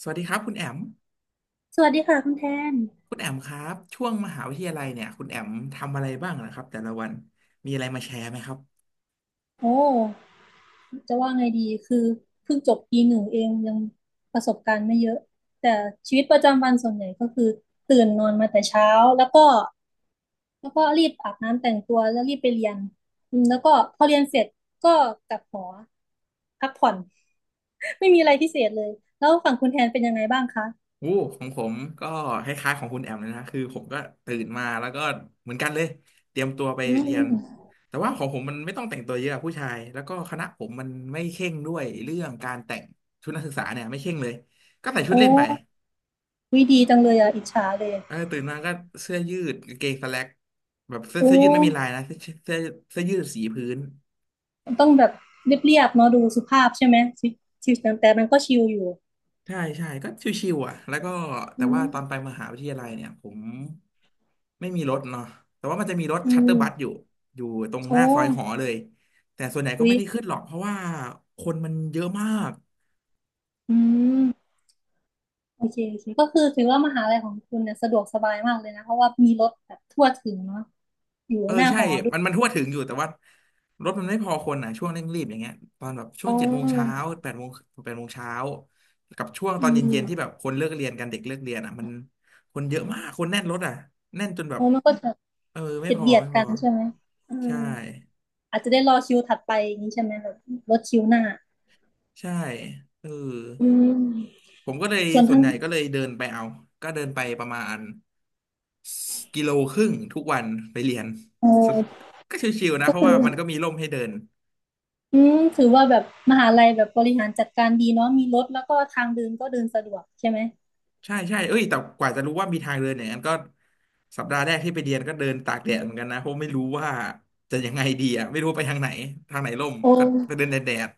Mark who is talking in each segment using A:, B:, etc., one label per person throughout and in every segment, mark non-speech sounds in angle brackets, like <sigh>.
A: สวัสดีครับคุณแอม
B: สวัสดีค่ะคุณแทน
A: คุณแอมครับช่วงมหาวิทยาลัยเนี่ยคุณแอมทำอะไรบ้างนะครับแต่ละวันมีอะไรมาแชร์ไหมครับ
B: โอ้จะว่าไงดีคือเพิ่งจบปีหนึ่งเองยังประสบการณ์ไม่เยอะแต่ชีวิตประจำวันส่วนใหญ่ก็คือตื่นนอนมาแต่เช้าแล้วก็แล้วก็รีบอาบน้ำแต่งตัวแล้วรีบไปเรียนอืมแล้วก็พอเรียนเสร็จก็กลับหอพักผ่อน <laughs> ไม่มีอะไรพิเศษเลยแล้วฝั่งคุณแทนเป็นยังไงบ้างคะ
A: โอ้ของผมก็คล้ายๆของคุณแอมเลยนะคือผมก็ตื่นมาแล้วก็เหมือนกันเลยเตรียมตัวไป
B: อืม
A: เรีย
B: อื
A: น
B: ม
A: แต่ว่าของผมมันไม่ต้องแต่งตัวเยอะผู้ชายแล้วก็คณะผมมันไม่เคร่งด้วยเรื่องการแต่งชุดนักศึกษาเนี่ยไม่เคร่งเลยก็ใส่ชุด
B: โอ้
A: เล่นไป
B: วิดีจังเลยอ่ะอิจฉาเลย
A: เออตื่นมาก็เสื้อยืดกางเกงสแล็กแบบเสื้อ
B: โอ้
A: เสื้อยืดไม่มีลายนะเสื้อเสื้อยืดสีพื้น
B: ต้องแบบเรียบๆเนาะดูสุภาพใช่ไหมชีวิตแต่มันก็ชิลอยู่
A: ใช่ใช่ก็ชิวๆอ่ะแล้วก็แต่
B: อื
A: ว่าตอนไป
B: ม
A: มหาวิทยาลัยเนี่ยผมไม่มีรถเนาะแต่ว่ามันจะมีรถ
B: อื
A: ชัตเตอร์บัสอยู่
B: ม
A: อยู่ตรงห
B: โอ้
A: น้าซอยหอเลยแต่ส่วนใหญ่ก็
B: อุ๊
A: ไม่
B: ย
A: ได้ขึ้นหรอกเพราะว่าคนมันเยอะมาก
B: อืมโอเคโอเคก็คือถือว่ามหาลัยของคุณเนี่ยสะดวกสบายมากเลยนะเพราะว่ามีรถแบบทั่วถึงเนาะอยู่
A: เออ
B: หน้า
A: ใช่
B: หอด้วย
A: มันทั่วถึงอยู่แต่ว่ารถมันไม่พอคนอ่ะช่วงเร่งรีบอย่างเงี้ยตอนแบบช่ว
B: อ๋
A: ง
B: อ
A: เจ็ดโมงเช้าแปดโมงแปดโมงเช้ากับช่วงต
B: อื
A: อนเย็นๆที่แบ
B: ม
A: บคนเลิกเรียนกันเด็กเลิกเรียนอ่ะมันคนเยอะมากคนแน่นรถอ่ะแน่นจนแบบ
B: โอ้มันก็จะ
A: เออไม่
B: เบีย
A: พ
B: ด
A: อ
B: เบียด
A: ไม่พ
B: กั
A: อ
B: นใช่ไหมอืม
A: ใช่
B: อาจจะได้รอคิวถัดไปอย่างนี้ใช่ไหมแบบรถคิวหน้า
A: ใช่เออ
B: อืม
A: ผมก็เลย
B: ส่วน
A: ส่วน
B: ทาง
A: ใหญ่ก็เลยเดินไปเอาก็เดินไปประมาณกิโลครึ่งทุกวันไปเรียน
B: โอ้
A: <laughs> สก็ชิวๆนะ
B: ก็
A: เพราะ
B: คื
A: ว่า
B: อ
A: มันก็มีร่มให้เดิน
B: อืมถือว่าแบบมหาลัยแบบบริหารจัดการดีเนาะมีรถแล้วก็ทางเดินก็เดินสะดวกใช่ไหม
A: ใช่ใช่เอ้ยแต่กว่าจะรู้ว่ามีทางเดินอย่างนั้นก็สัปดาห์แรกที่ไปเรียนก็เดินตากแดดเหมือนกันนะเพราะไม่รู้ว่าจะยังไงดีอ่ะไม่รู้ไปทางไหนทางไหนร่ม
B: โอ้
A: ก็ไปเดินแดดแดด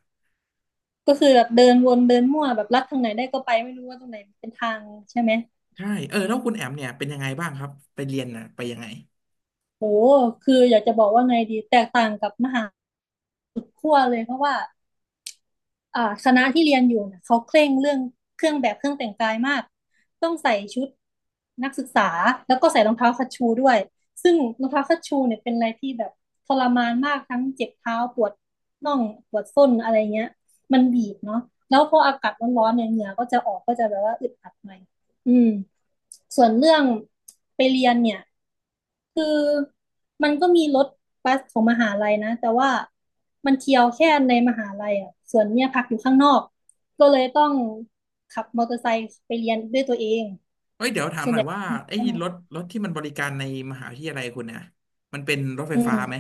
B: ก็คือแบบเดินวนเดินมั่วแบบลัดทางไหนได้ก็ไปไม่รู้ว่าตรงไหนเป็นทางใช่ไหม
A: ใช่เออแล้วคุณแอมเนี่ยเป็นยังไงบ้างครับไปเรียนน่ะไปยังไง
B: โหคืออยากจะบอกว่าไงดีแตกต่างกับมหาขั้วเลยเพราะว่าคณะที่เรียนอยู่น่ะเขาเคร่งเรื่องเครื่องแบบเครื่องแต่งกายมากต้องใส่ชุดนักศึกษาแล้วก็ใส่รองเท้าคัชชูด้วยซึ่งรองเท้าคัชชูเนี่ยเป็นอะไรที่แบบทรมานมากทั้งเจ็บเท้าปวดน่องปวดส้นอะไรเงี้ยมันบีบเนาะแล้วพออากาศร้อนๆเนี่ยเหงื่อก็จะออกก็จะแบบว่าอึดอัดหน่อยอืม ส่วนเรื่องไปเรียนเนี่ยคือมันก็มีรถบัสของมหาลัยนะแต่ว่ามันเที่ยวแค่ในมหาลัยอ่ะส่วนเนี่ยพักอยู่ข้างนอกก็เลยต้องขับมอเตอร์ไซค์ไปเรียนด้วยตัวเอง
A: เฮ้ยเดี๋ยวถามหน่อยว่าไอ้
B: อืม
A: รถที่มันบริการในมหาวิทยาลัยคุณเนี่ยมันเป็นรถไฟ
B: อื
A: ฟ้าไหม
B: ม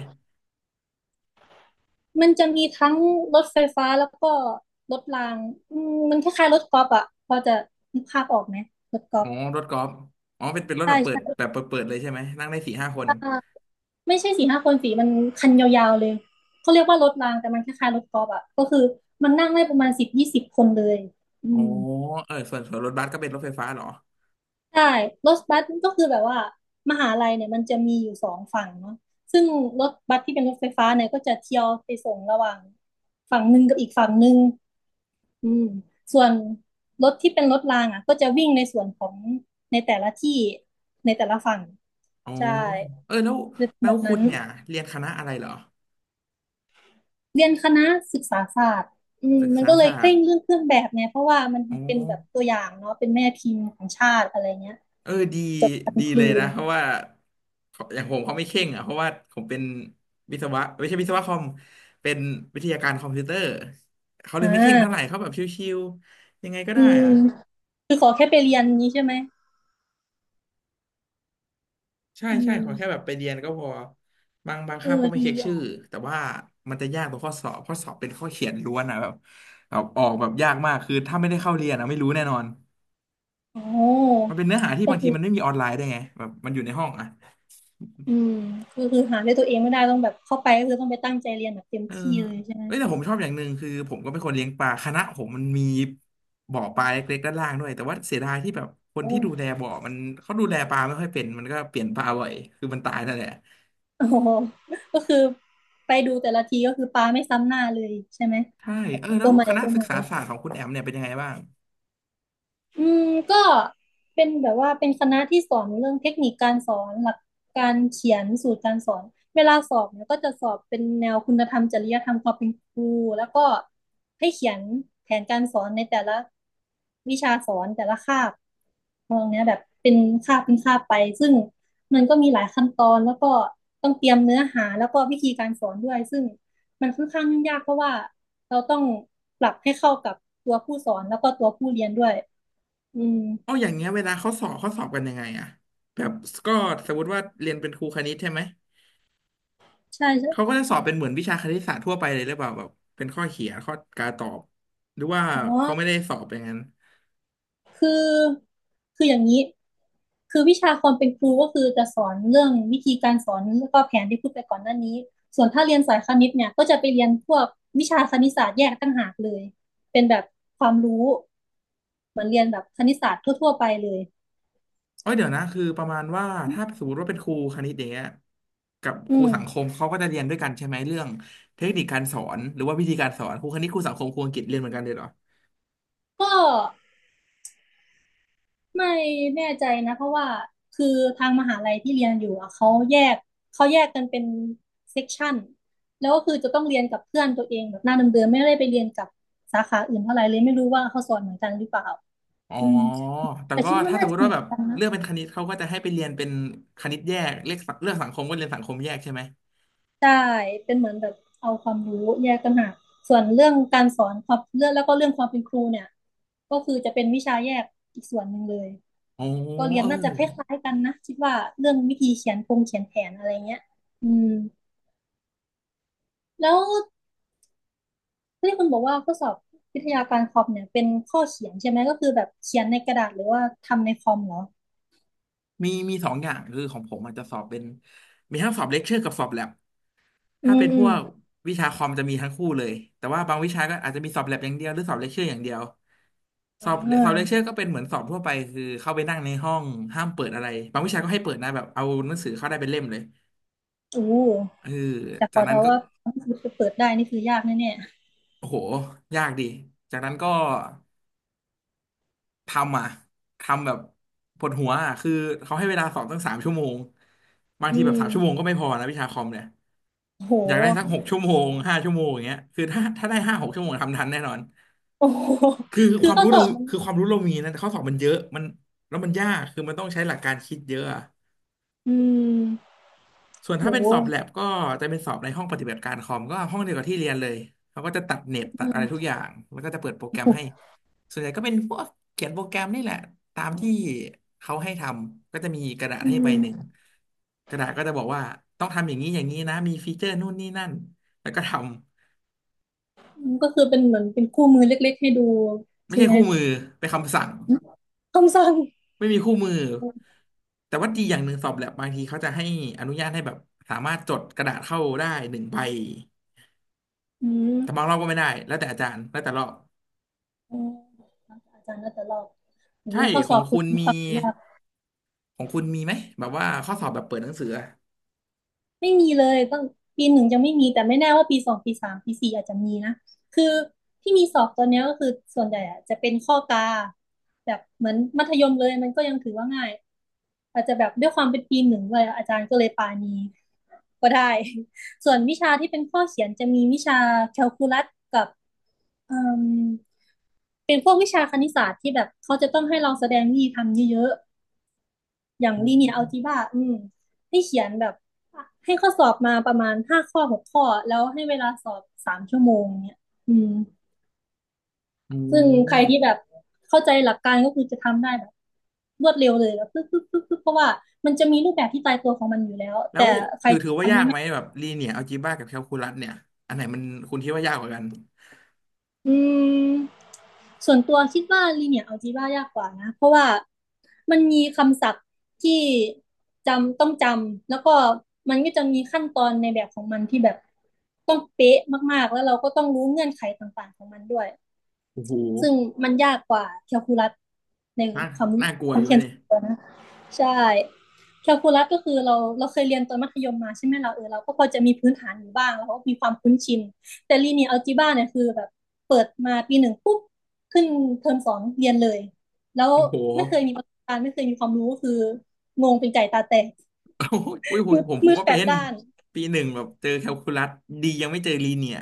B: มันจะมีทั้งรถไฟฟ้าแล้วก็รถรางอืมมันคล้ายๆรถกอล์ฟอ่ะพอจะนึกภาพออกไหมรถกอ
A: อ๋
B: ล์
A: อ
B: ฟ
A: รถกอล์ฟอ๋อเป็นรถ
B: ใช่
A: แบบเปิ
B: ใช
A: ดแบบเปิดเปิดเลยใช่ไหมนั่งได้สี่ห้าคน
B: ่ ไม่ใช่สี่ห้าคนสีมันคันยาวๆเลยเขาเรียกว่ารถรางแต่มันคล้ายๆรถกอล์ฟอ่ะก็คือมันนั่งได้ประมาณสิบยี่สิบคนเลยอื
A: อ๋อ
B: ม
A: เออส่วนรถบัสก็เป็นรถไฟฟ้าเหรอ
B: ใช่รถบัสก็คือแบบว่ามหาลัยเนี่ยมันจะมีอยู่สองฝั่งเนาะซึ่งรถบัสที่เป็นรถไฟฟ้าเนี่ยก็จะเที่ยวไปส่งระหว่างฝั่งหนึ่งกับอีกฝั่งหนึ่งอืมส่วนรถที่เป็นรถรางอ่ะก็จะวิ่งในส่วนของในแต่ละที่ในแต่ละฝั่ง
A: อ๋อ
B: ใช่
A: เออแล้วแล้
B: แบ
A: ว
B: บ
A: คุ
B: นั้
A: ณ
B: น
A: เนี่ยเรียนคณะอะไรเหรอ
B: เรียนคณะศึกษาศาสตร์อืม
A: ศึก
B: มัน
A: ษา
B: ก็เลย
A: ศา
B: เค
A: สต
B: ร่ง
A: ร์
B: เรื่องเครื่องแบบไงเพราะว่ามัน
A: อ๋อ
B: เป็นแบบตัวอย่างเนาะเป็นแม่พิมพ์ของชาติอะไรเงี้ย
A: เออดี
B: จบการ
A: ดี
B: ครู
A: เลยนะ
B: นะ
A: เพราะว่าเขาอย่างผมเขาไม่เข่งอ่ะเพราะว่าผมเป็นวิศวะไม่ใช่วิศวะคอมเป็นวิทยาการคอมพิวเตอร์เขาเล
B: อ่
A: ยไม่เข่งเท่าไหร่
B: า
A: เขาแบบชิวๆยังไงก็
B: อื
A: ได้
B: ม
A: อ่ะ
B: คือขอแค่ไปเรียนนี้ใช่ไหม
A: ใช่
B: อื
A: ใช่
B: ม
A: ขอแค่แบบไปเรียนก็พอบาง
B: เออ
A: คาบก็ไม่
B: ดี
A: เช็คชื่อ
B: อ่ะ
A: แต่ว่ามันจะยากตรงข้อสอบข้อสอบเป็นข้อเขียนล้วนอ่ะแบบออกแบบยากมากคือถ้าไม่ได้เข้าเรียนอะไม่รู้แน่นอน
B: โอ้
A: มันเป็นเนื้อหาที่
B: ก็
A: บางที
B: คือ
A: มันไม่มีออนไลน์ได้วยไงแบบมันอยู่ในห้องอ่ะ
B: อืมก็คือหาด้วยตัวเองไม่ได้ต้องแบบเข้าไปก็คือต้องไปตั้งใจเรียนแบบเต็ม
A: เออ
B: ที่เลยใช่ไหม
A: เอ้ยแต่ผมชอบอย่างหนึ่งคือผมก็เป็นคนเลี้ยงปลาคณะผมมันมีบ่อปลาเล็กๆด้านล่างด้วยแต่ว่าเสียดายที่แบบคน
B: โอ้
A: ที่ดูแลบ่อมันเขาดูแลปลาไม่ค่อยเป็นมันก็เปลี่ยนปลาบ่อยคือมันตายนั่นแหละ
B: โอ้โหก็คือไปดูแต่ละทีก็คือปลาไม่ซ้ำหน้าเลยใช่ไหม
A: ใช่
B: แบบ
A: เออแล้
B: ตั
A: ว
B: วใหม่
A: คณะ
B: ตัว
A: ศึ
B: ให
A: ก
B: ม่
A: ษาศาสตร์ของคุณแอมเนี่ยเป็นยังไงบ้าง
B: อืมก็เป็นแบบว่าเป็นคณะที่สอนเรื่องเทคนิคการสอนหลักการเขียนสูตรการสอนเวลาสอบเนี่ยก็จะสอบเป็นแนวคุณธรรมจริยธรรมความเป็นครูแล้วก็ให้เขียนแผนการสอนในแต่ละวิชาสอนแต่ละคาบตรงเนี้ยแบบเป็นคาบเป็นคาบไปซึ่งมันก็มีหลายขั้นตอนแล้วก็ต้องเตรียมเนื้อหาแล้วก็วิธีการสอนด้วยซึ่งมันค่อนข้างยุ่งยากเพราะว่าเราต้องปรับให้เข้ากับตัวผู้สอนแล้วก็ตัวผู้เรียนด้วยอื
A: อ๋อ
B: ม
A: อย่างเงี้ยเวลาเขาสอบเขาสอบกันยังไงอะแบบก็สมมติว่าเรียนเป็นครูคณิตใช่ไหม
B: ใช่
A: เขา
B: ใช่
A: ก็จะสอบเป็นเหมือนวิชาคณิตศาสตร์ทั่วไปเลยหรือเปล่าแบบเป็นข้อเขียนข้อการตอบหรือว่า
B: อ๋อ
A: เขาไม่ได้สอบอย่างนั้น
B: คือคืออย่างนี้คือวิชาความเป็นครู ก็คือจะสอนเรื่อง วิธีการสอนแล้วก็แผนที่พูดไปก่อนหน้านี้ ส่วนถ้าเรียนสายคณิตเนี่ยก็จะไปเรียนพวก วิชาคณิตศาสตร์แยกต่างหากเลย เป็นแบบความรู้เหมือนเรียนแบบคณิตศาสตร์ทั่วๆไปเลย
A: เอ้ยเดี๋ยวนะคือประมาณว่าถ้าสมมติว่าเป็นครูคณิตอย่างเนี้ยกับค
B: อื
A: รู
B: ม
A: สังคมเขาก็จะเรียนด้วยกันใช่ไหมเรื่องเทคนิคการสอนหรือว่าวิธีการสอนครูคณิตครูสังคมครูอังกฤษเรียนเหมือนกันเลยเหรอ
B: ก็ ไม่แน่ใจนะเพราะว่าคือทางมหาลัยที่เรียนอยู่อะเขาแยกกันเป็นเซกชันแล้วก็คือจะต้องเรียนกับเพื่อนตัวเองแบบหน้าเดิมๆไม่ได้ไปเรียนกับสาขาอื่นเท่าไหร่เลยไม่รู้ว่าเขาสอนเหมือนกันหรือเปล่า
A: อ๋อ
B: อืม
A: แต่
B: แต่
A: ก็
B: คิดว่า
A: ถ้าส
B: น่า
A: มม
B: จะ
A: ติ
B: เห
A: ว่า
B: มื
A: แบ
B: อน
A: บ
B: กันนะ
A: เลือกเป็นคณิตเขาก็จะให้ไปเรียนเป็นคณิตแยกเลขสังเลือกสังคมก็เรียนสังคมแยกใช่ไหม
B: ใช่เป็นเหมือนแบบเอาความรู้แยกต่างหากส่วนเรื่องการสอนความเรื่องแล้วก็เรื่องความเป็นครูเนี่ยก็คือจะเป็นวิชาแยกอีกส่วนหนึ่งเลย
A: อ๋อ
B: ก็เรียน
A: เออ
B: น่าจะคล้ายๆกันนะคิดว่าเรื่องวิธีเขียนโครงเขียนแผนอะไรเงี้ยอืมแล้วที่คุณบอกว่าข้อสอบวิทยาการคอมเนี่ยเป็นข้อเขียนใช่ไหมก็คือแบบเขียนในกระดาษหรือว่าทำในคอมเหรอ
A: มีสองอย่างคือของผมอาจจะสอบเป็นมีทั้งสอบเลคเชอร์กับสอบแลบ
B: อื
A: ถ้า
B: ม
A: เป็น
B: อื
A: พ
B: ม
A: วกวิชาคอมจะมีทั้งคู่เลยแต่ว่าบางวิชาก็อาจจะมีสอบแลบอย่างเดียวหรือสอบเลคเชอร์อย่างเดียว
B: อ
A: สอบสอบเลคเชอ
B: ่า
A: ร์ก็เป็นเหมือนสอบทั่วไปคือเข้าไปนั่งในห้องห้ามเปิดอะไรบางวิชาก็ให้เปิดนะแบบเอาหนังสือเข้าได้เป็นเล่มเลย
B: อู้
A: เออ
B: แต่ข
A: จา
B: อ
A: กนั้น
B: เดา
A: ก็
B: ว่าถ้าเปิดได้นี่คือยากแน่
A: โอ้โหยากดีจากนั้นก็ทำอ่ะทำแบบปวดหัวอ่ะคือเขาให้เวลาสอบตั้งสามชั่วโมงบาง
B: ๆ
A: ที
B: อื
A: แบบ
B: ม
A: สามชั่วโมงก็ไม่พอนะวิชาคอมเนี่ย
B: โ
A: อยากได้
B: ห
A: สักหกชั่วโมงห้าชั่วโมงอย่างเงี้ยคือถ้าได้ห้าหกชั่วโมงทำทันแน่นอน
B: โอ้โห
A: คือค
B: คือ
A: วาม
B: ข้อ
A: รู้
B: ส
A: เรา
B: อบมัน
A: คือความรู้เรามีนะแต่ข้อสอบมันเยอะมันแล้วมันยากคือมันต้องใช้หลักการคิดเยอะอะ
B: อืม
A: ส่วนถ้าเป็น
B: โห
A: สอบแลบก็จะเป็นสอบในห้องปฏิบัติการคอมก็ห้องเดียวกับที่เรียนเลยเขาก็จะตัดเน็ตตัดอะไรทุกอย่างแล้วก็จะเปิดโปรแกรมให้ส่วนใหญ่ก็เป็นพวกเขียนโปรแกรมนี่แหละตามที่เขาให้ทำก็จะมีกระดาษ
B: อื
A: ให้ใบหนึ่ง
B: ม
A: กระดาษก็จะบอกว่าต้องทำอย่างนี้อย่างนี้นะมีฟีเจอร์นู่นนี่นั่นแล้วก็ทำ
B: มันก็คือเป็นเหมือนเป็นคู่มือเล็กๆให้ดู
A: ไม่
B: ใช่
A: ใช่
B: ไหม
A: คู่มือเป็นคำสั่ง
B: คำสั่ง
A: ไม่มีคู่มือ แต่ว่าดีอย่างหนึ่งสอบแลบบางทีเขาจะให้อนุญาตให้แบบสามารถจดกระดาษเข้าได้หนึ่งใบ
B: อืม
A: แต่บางรอบก็ไม่ได้แล้วแต่อาจารย์แล้วแต่รอบ
B: อาจารย์น่าจะรอบโอ้โห
A: ใช่
B: ข้อ
A: ข
B: ส
A: อ
B: อ
A: ง
B: บคุ
A: คุ
B: ณ
A: ณมี
B: ฟังยาก
A: ของคุณมีไหมแบบว่าข้อสอบแบบเปิดหนังสืออะ
B: ไม่มีเลยตั้งปีหนึ่งยังไม่มี แต่ไม่แน่ว่าปีสองปีสามปีสี่อาจจะมีนะคือที่มีสอบตัวเนี้ยก็คือส่วนใหญ่อะจะเป็นข้อกาแบบเหมือนมัธยมเลยมันก็ยังถือว่าง่ายอาจจะแบบด้วยความเป็นปีหนึ่งเลยอาจารย์ก็เลยปานีก็ได้ <laughs> ส่วนวิชาที่เป็นข้อเขียนจะมีวิชาแคลคูลัสกับเอ่มเป็นพวกวิชาคณิตศาสตร์ที่แบบเขาจะต้องให้เราแสดงวิธีทำเยอะ อย่าง
A: อ๋
B: ลีเนียร์อัล
A: อ
B: จีบราอืมให้เขียนแบบให้ข้อสอบมาประมาณห้าข้อหกข้อแล้วให้เวลาสอบ3 ชั่วโมงเนี่ยอืม
A: อื
B: ซึ่งใครที่
A: ม
B: แบบเข้าใจหลักการก็คือจะทำได้แบบรวดเร็วเลยแบบปึ๊บปึ๊บปึ๊บปึ๊บเพราะว่ามันจะมีรูปแบบที่ตายตัวของมันอยู่แล้ว
A: แล้ว
B: แต่ใคร
A: ถือว่ายากไหมแบบลีเนียร์อัลจีบ้ากับแคลคูลัสเนี่ยอันไหนมันคุณคิดว่ายากกว่ากัน
B: อืมส่วนตัวคิดว่าลีเนีย a l จ e b ายากกว่านะเพราะว่ามันมีคำศัพท์ที่จำต้องจำแล้วก็มันก็จะมีขั้นตอนในแบบของมันที่แบบต้องเป๊ะมากๆแล้วเราก็ต้องรู้เงื่อนไขต่างๆของมันด้วย
A: โอ้โห
B: ซึ่งมันยากกว่าแคลคูลัสใน
A: น่า
B: ความรู้
A: น่า
B: สึก
A: กลัวอยู่วะเนี่ย
B: ตัวนะ ใช่ แคลคูลัสก็คือเราเราเคยเรียนตอนมัธยมมาใช่ไหมเราเราก็พอจะมีพื้นฐานอยู่บ้างแล้วก็มีความคุ้นชินแต่ลีเนียร์แอลจีบ้าเนี่ยคือแบบเปิดมาปีหนึ่งปุ๊บขึ้นเทอมสองเรียนเลยแล้ว
A: โอ้โห
B: ไม่เคยมีประสบการณ์ไม่เคยมีความรู้ก็คืองงเป็นไก่ตาแตก
A: <laughs> โอ้ยอุ้ยผม
B: มืด
A: ผมผ
B: มื
A: ม
B: ด
A: ก็
B: แป
A: เป็
B: ด
A: น
B: ด้าน
A: ปีหนึ่งแบบเจอแคลคูลัสดียังไม่เจอลีเนียร์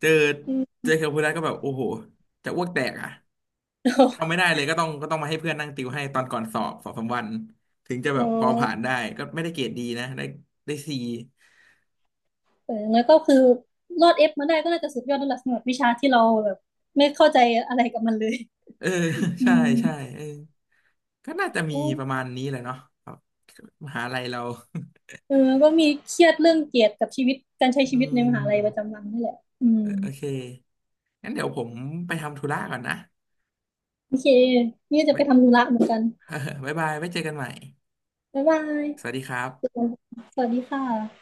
A: เจอ
B: อืม
A: เจอแคลคูลัสก็แบบโอ้โหจะอ้วกแตกอ่ะ
B: <laughs>
A: ทำไม่ได้เลยก็ต้องมาให้เพื่อนนั่งติวให้ตอนก่อนสอบสองสามวันถึงจะแบ
B: อ๋อ
A: บพอผ่านได้ก็ไม่ได้เกรดดีนะได้ได้ซี
B: เออแล้วก็คือรอดเอฟมาได้ก็น่าจะสุดยอดแล้วล่ะสำหรับวิชาที่เราแบบไม่เข้าใจอะไรกับมันเลย
A: เออ <laughs>
B: อื
A: ใช่
B: ม
A: ใช่เออก็น่าจะมี
B: โอ้
A: ประมาณนี้แหละเนาะครับมหาลัยเรา
B: เออก็มีเครียดเรื่องเกียรติกับชีวิตการใช้
A: <laughs> อื
B: ชีวิตใน
A: ม
B: มหาลัยประจำวันนี่แหละอื
A: เอ
B: ม
A: อโอเคงั้นเดี๋ยวผมไปทำธุระก่อนนะ
B: โอเคนี่จะไป
A: ไว้
B: ทำธุระเหมือนกัน
A: <laughs> บ๊ายบายไว้เจอกันใหม่
B: บ๊ายบาย
A: สวัสดีครับ
B: สวัสดีค่ะ